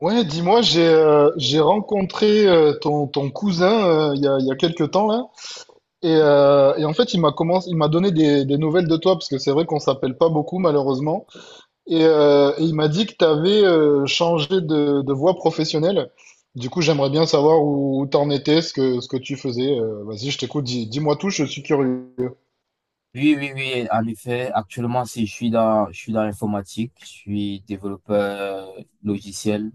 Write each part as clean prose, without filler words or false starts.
Ouais, dis-moi, j'ai rencontré ton cousin il y a quelques temps là, et en fait il m'a donné des nouvelles de toi parce que c'est vrai qu'on s'appelle pas beaucoup malheureusement, et il m'a dit que tu avais changé de voie professionnelle. Du coup, j'aimerais bien savoir où t'en étais, ce que tu faisais. Vas-y, je t'écoute, dis-moi tout, je suis curieux. Oui, oui, oui, en effet, actuellement, si je suis dans l'informatique, je suis développeur logiciel.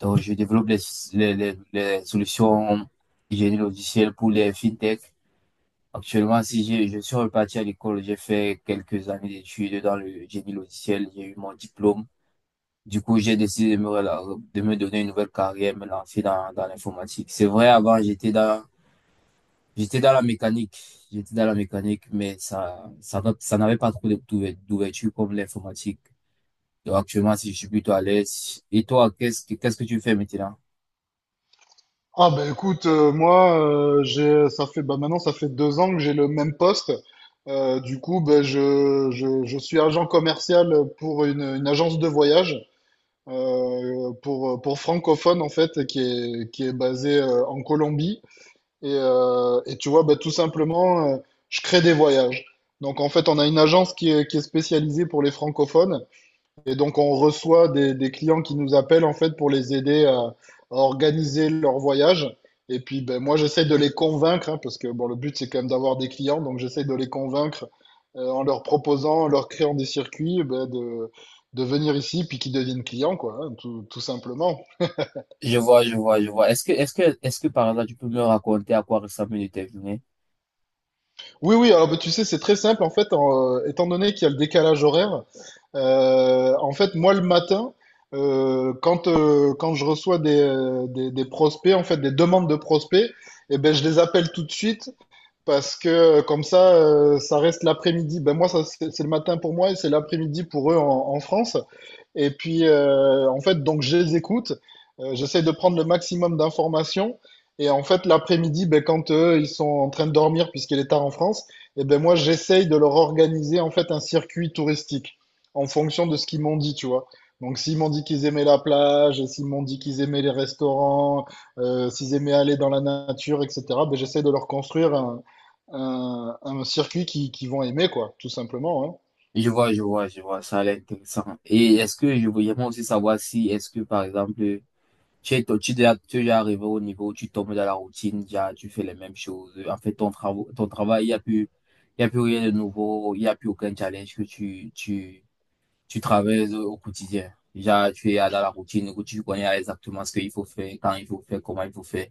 Donc, je développe les solutions de génie logiciel pour les fintech. Actuellement, si je suis reparti à l'école, j'ai fait quelques années d'études dans le génie logiciel, j'ai eu mon diplôme. Du coup, j'ai décidé de me donner une nouvelle carrière, me lancer dans l'informatique. C'est vrai, avant, J'étais dans la mécanique, j'étais dans la mécanique, mais ça n'avait pas trop d'ouverture comme l'informatique. Donc actuellement, si je suis plutôt à l'aise. Et toi, qu'est-ce que tu fais maintenant? Ah bah écoute, moi, j'ai ça fait, bah, maintenant ça fait 2 ans que j'ai le même poste. Du coup, bah, je suis agent commercial pour une agence de voyage pour francophones en fait qui est basée en Colombie. Et tu vois, bah, tout simplement, je crée des voyages. Donc en fait, on a une agence qui est spécialisée pour les francophones. Et donc, on reçoit des clients qui nous appellent en fait pour les aider à organiser leur voyage. Et puis, ben, moi, j'essaie de les convaincre, hein, parce que bon, le but, c'est quand même d'avoir des clients. Donc, j'essaie de les convaincre, en leur proposant, en leur créant des circuits, ben, de venir ici, puis qu'ils deviennent clients, quoi, hein, tout simplement. Je vois, je vois, je vois. Est-ce que par là, tu peux me raconter à quoi ressemble une de tes journées? Oui, oui, alors ben, tu sais, c'est très simple, en fait, étant donné qu'il y a le décalage horaire. En fait, moi, le matin, quand je reçois des prospects, en fait, des demandes de prospects, eh ben, je les appelle tout de suite parce que, comme ça, ça reste l'après-midi. Ben moi, ça, c'est le matin pour moi et c'est l'après-midi pour eux en France. Et puis, en fait, donc je les écoute. J'essaie de prendre le maximum d'informations. Et en fait, l'après-midi, ben, quand eux, ils sont en train de dormir puisqu'il est tard en France, et ben moi, j'essaye de leur organiser en fait un circuit touristique en fonction de ce qu'ils m'ont dit, tu vois. Donc, s'ils m'ont dit qu'ils aimaient la plage, s'ils m'ont dit qu'ils aimaient les restaurants, s'ils aimaient aller dans la nature, etc., ben, j'essaie de leur construire un circuit qui vont aimer, quoi, tout simplement, hein. Je vois, je vois, je vois. Ça a l'air intéressant. Et est-ce que je voulais moi aussi savoir si, est-ce que par exemple, tu es déjà arrivé au niveau où tu tombes dans la routine, déjà, tu fais les mêmes choses. En fait, ton travail, il y a plus rien de nouveau, il n'y a plus aucun challenge que tu traverses au quotidien. Déjà, tu es dans la routine où tu connais exactement ce qu'il faut faire, quand il faut faire, comment il faut faire.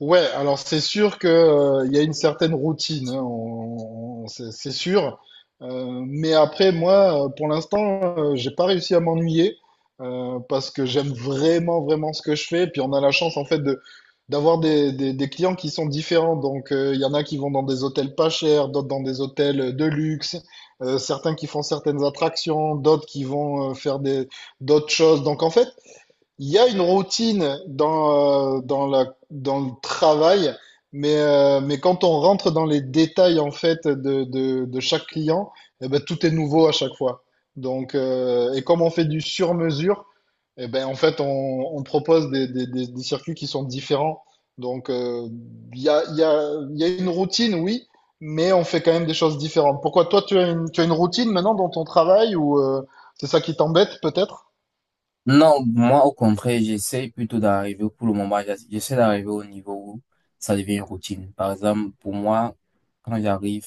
Ouais, alors c'est sûr que, il y a une certaine routine, hein, c'est sûr. Mais après, moi, pour l'instant, j'ai pas réussi à m'ennuyer, parce que j'aime vraiment, vraiment ce que je fais. Puis on a la chance, en fait, de d'avoir des clients qui sont différents. Donc, il y en a qui vont dans des hôtels pas chers, d'autres dans des hôtels de luxe, certains qui font certaines attractions, d'autres qui vont, faire des d'autres choses. Donc, en fait, il y a une routine dans, dans le travail, mais quand on rentre dans les détails en fait de chaque client, eh ben, tout est nouveau à chaque fois. Donc, et comme on fait du sur-mesure, eh ben, en fait, on propose des circuits qui sont différents. Donc, il y a, il y a, il y a une routine, oui, mais on fait quand même des choses différentes. Pourquoi toi, tu as une routine maintenant dans ton travail ou, c'est ça qui t'embête peut-être? Non, moi, au contraire, j'essaie plutôt d'arriver, pour le moment, j'essaie d'arriver au niveau où ça devient une routine. Par exemple, pour moi, quand j'arrive,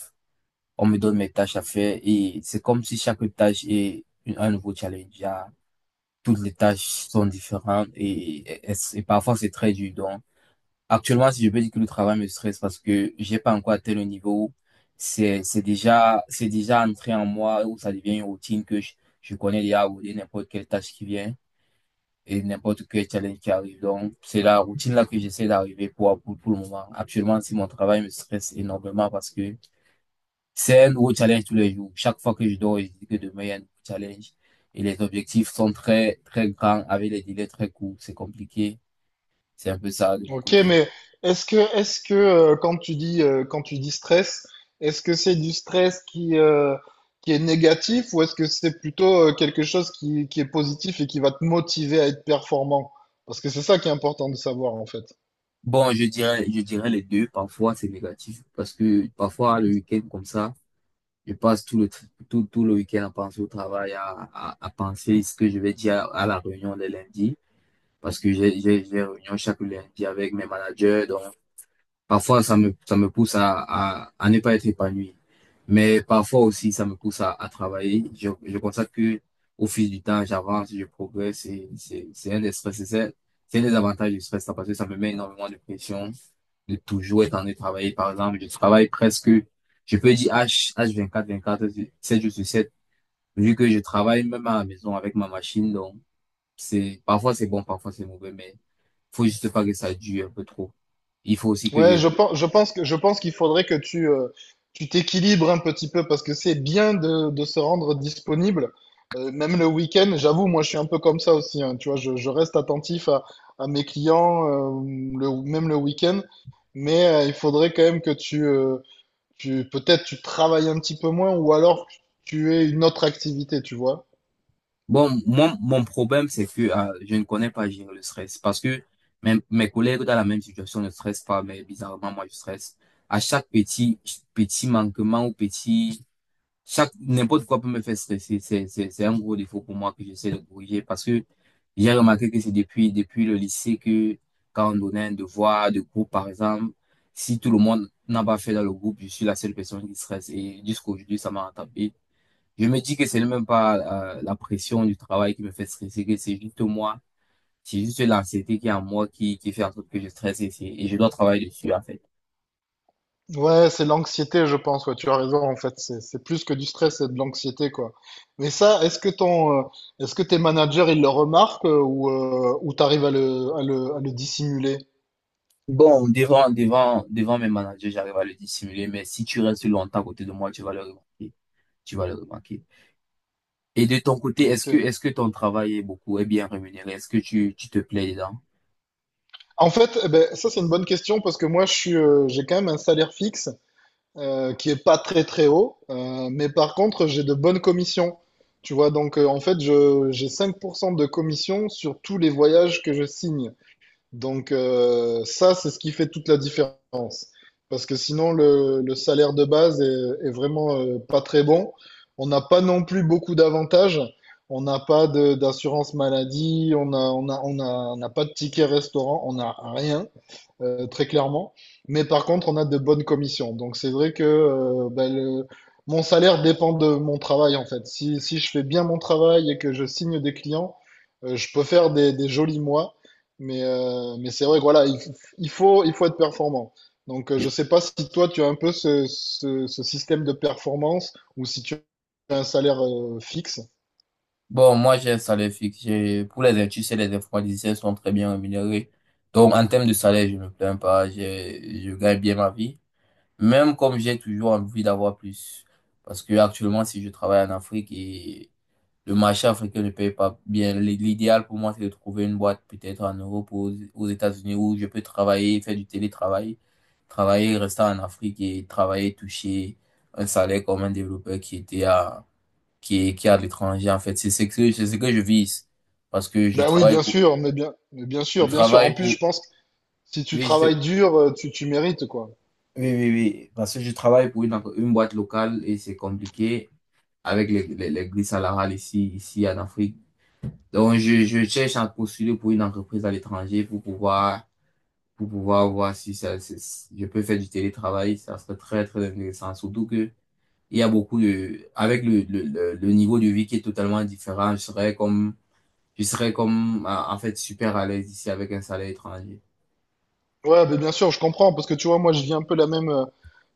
on me donne mes tâches à faire et c'est comme si chaque tâche est un nouveau challenge. Ah, toutes les tâches sont différentes et parfois c'est très dur. Donc, actuellement, si je peux dire que le travail me stresse parce que j'ai pas encore atteint le niveau, où c'est déjà entré en moi où ça devient une routine que je connais déjà où il y a n'importe quelle tâche qui vient et n'importe quel challenge qui arrive. Donc, c'est la routine là que j'essaie d'arriver pour le moment. Actuellement, si mon travail me stresse énormément parce que c'est un nouveau challenge tous les jours. Chaque fois que je dors, je dis que demain, il y a un nouveau challenge. Et les objectifs sont très, très grands, avec les délais très courts. C'est compliqué. C'est un peu ça de mon Ok, côté. mais est-ce que quand quand tu dis stress, est-ce que c'est du stress qui est négatif ou est-ce que c'est plutôt, quelque chose qui est positif et qui va te motiver à être performant? Parce que c'est ça qui est important de savoir en fait. Bon, je dirais les deux. Parfois, c'est négatif parce que parfois, le week-end, comme ça, je passe tout le week-end à penser au travail, à penser ce que je vais dire à la réunion le lundi parce que j'ai réunion chaque lundi avec mes managers. Donc, parfois, ça me pousse à ne pas être épanoui. Mais parfois aussi, ça me pousse à travailler. Je constate que au fil du temps, j'avance, je progresse et c'est un des stress. C'est un des avantages du stress, ça, parce que ça me met énormément de pression de toujours être en train de travailler. Par exemple, je travaille presque, je peux dire h 24 24 7 jours sur 7 vu que je travaille même à la maison avec ma machine. Donc, parfois c'est bon, parfois c'est mauvais, mais faut juste pas que ça dure un peu trop. Il faut aussi que je, Ouais, je pense, je pense qu'il faudrait que tu t'équilibres un petit peu parce que c'est bien de se rendre disponible. Même le week-end, j'avoue, moi je suis un peu comme ça aussi, hein, tu vois, je reste attentif à mes clients, même le week-end. Mais, il faudrait quand même que tu, tu peut-être tu travailles un petit peu moins ou alors tu aies une autre activité, tu vois. bon, moi, mon problème, c'est que je ne connais pas gérer le stress parce que mes collègues dans la même situation ne stressent pas, mais bizarrement, moi, je stresse. À chaque petit manquement ou petit, chaque, n'importe quoi peut me faire stresser. C'est un gros défaut pour moi que j'essaie de corriger parce que j'ai remarqué que c'est depuis le lycée que quand on donnait un devoir de groupe, par exemple, si tout le monde n'a pas fait dans le groupe, je suis la seule personne qui stresse et jusqu'aujourd'hui, ça m'a rattrapé. Je me dis que c'est même pas la pression du travail qui me fait stresser, que c'est juste moi, c'est juste l'anxiété qui est en moi qui fait en sorte que je stresse et, et je dois travailler dessus en fait. Ouais, c'est l'anxiété, je pense. Ouais, tu as raison, en fait. C'est plus que du stress, c'est de l'anxiété, quoi. Mais ça, est-ce que tes managers, ils le remarquent, ou t'arrives à le, à le dissimuler? Bon, devant mes managers, j'arrive à le dissimuler, mais si tu restes longtemps à côté de moi, tu vas le remarquer. Tu vas le remarquer. Et de ton côté, Ok. est-ce que ton travail est bien rémunéré? Est-ce que tu te plais dedans? En fait, eh ben, ça c'est une bonne question parce que moi j'ai quand même un salaire fixe, qui est pas très très haut, mais par contre j'ai de bonnes commissions. Tu vois, donc, en fait je j'ai 5% de commission sur tous les voyages que je signe. Donc, ça c'est ce qui fait toute la différence. Parce que sinon le salaire de base est vraiment, pas très bon. On n'a pas non plus beaucoup d'avantages. On n'a pas d'assurance maladie, on n'a pas de ticket restaurant, on n'a rien, très clairement. Mais par contre, on a de bonnes commissions. Donc c'est vrai que, bah, mon salaire dépend de mon travail en fait. Si je fais bien mon travail et que je signe des clients, je peux faire des jolis mois. Mais c'est vrai que voilà, il faut être performant. Donc, je Je- sais pas si toi tu as un peu ce système de performance ou si tu as un salaire, fixe. Bon, moi, j'ai un salaire fixe. Tu sais, les informaticiens sont très bien rémunérés. Donc, en termes de salaire, je ne me plains pas. Je gagne bien ma vie. Même comme j'ai toujours envie d'avoir plus. Parce que actuellement, si je travaille en Afrique et le marché africain ne paye pas bien, l'idéal pour moi, c'est de trouver une boîte peut-être en Europe ou aux États-Unis où je peux travailler, faire du télétravail, travailler, rester en Afrique et travailler, toucher un salaire comme un développeur qui était à, qui est à l'étranger, en fait. C'est ce que je vise. Parce que Ben oui, bien sûr, mais bien je sûr, bien sûr. En travaille plus, je pour, pense que si tu oui, travailles dur, tu mérites, quoi. oui, oui, oui. Parce que je travaille pour une boîte locale et c'est compliqué avec les grilles salariales ici en Afrique. Donc, je cherche à postuler pour une entreprise à l'étranger pour pouvoir voir si si je peux faire du télétravail. Ça serait très, très intéressant. Surtout que il y a beaucoup de, avec le niveau de vie qui est totalement différent, je serais comme, en fait, super à l'aise ici avec un salaire étranger. Ouais, mais bien sûr, je comprends, parce que tu vois, moi, je vis un peu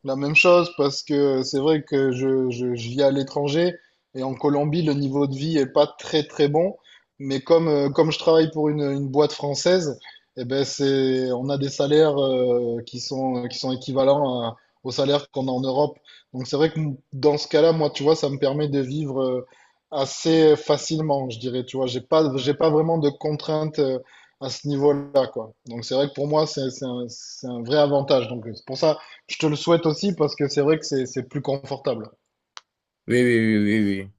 la même chose, parce que c'est vrai que je vis à l'étranger, et en Colombie, le niveau de vie est pas très, très bon, mais comme je travaille pour une boîte française, eh ben, on a des salaires, qui sont équivalents aux salaires qu'on a en Europe. Donc, c'est vrai que dans ce cas-là, moi, tu vois, ça me permet de vivre, assez facilement, je dirais, tu vois, j'ai pas vraiment de contraintes, à ce niveau-là, quoi. Donc c'est vrai que pour moi, c'est un vrai avantage. Donc c'est pour ça, je te le souhaite aussi parce que c'est vrai que c'est plus confortable. Oui, oui, oui, oui, oui.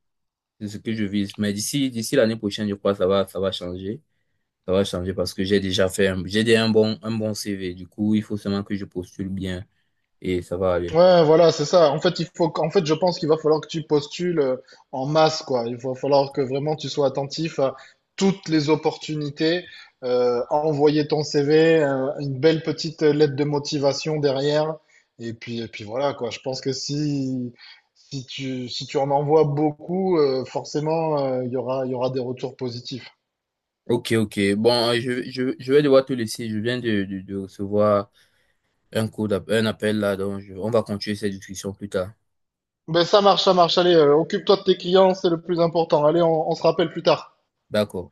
C'est ce que je vise. Mais d'ici l'année prochaine, je crois que ça va changer. Ça va changer parce que j'ai déjà un bon, CV. Du coup, il faut seulement que je postule bien et ça va aller. Ouais, voilà, c'est ça. En fait, en fait, je pense qu'il va falloir que tu postules, en masse, quoi. Il va falloir que vraiment tu sois attentif à toutes les opportunités, envoyer ton CV, une belle petite lettre de motivation derrière. Et puis, voilà, quoi. Je pense que si tu en envoies beaucoup, forcément, il y aura des retours positifs. Ok, ok. Bon, je vais devoir te laisser. Je viens de recevoir un appel là, donc on va continuer cette discussion plus tard. Ben, ça marche, ça marche. Allez, occupe-toi de tes clients, c'est le plus important. Allez, on se rappelle plus tard. D'accord.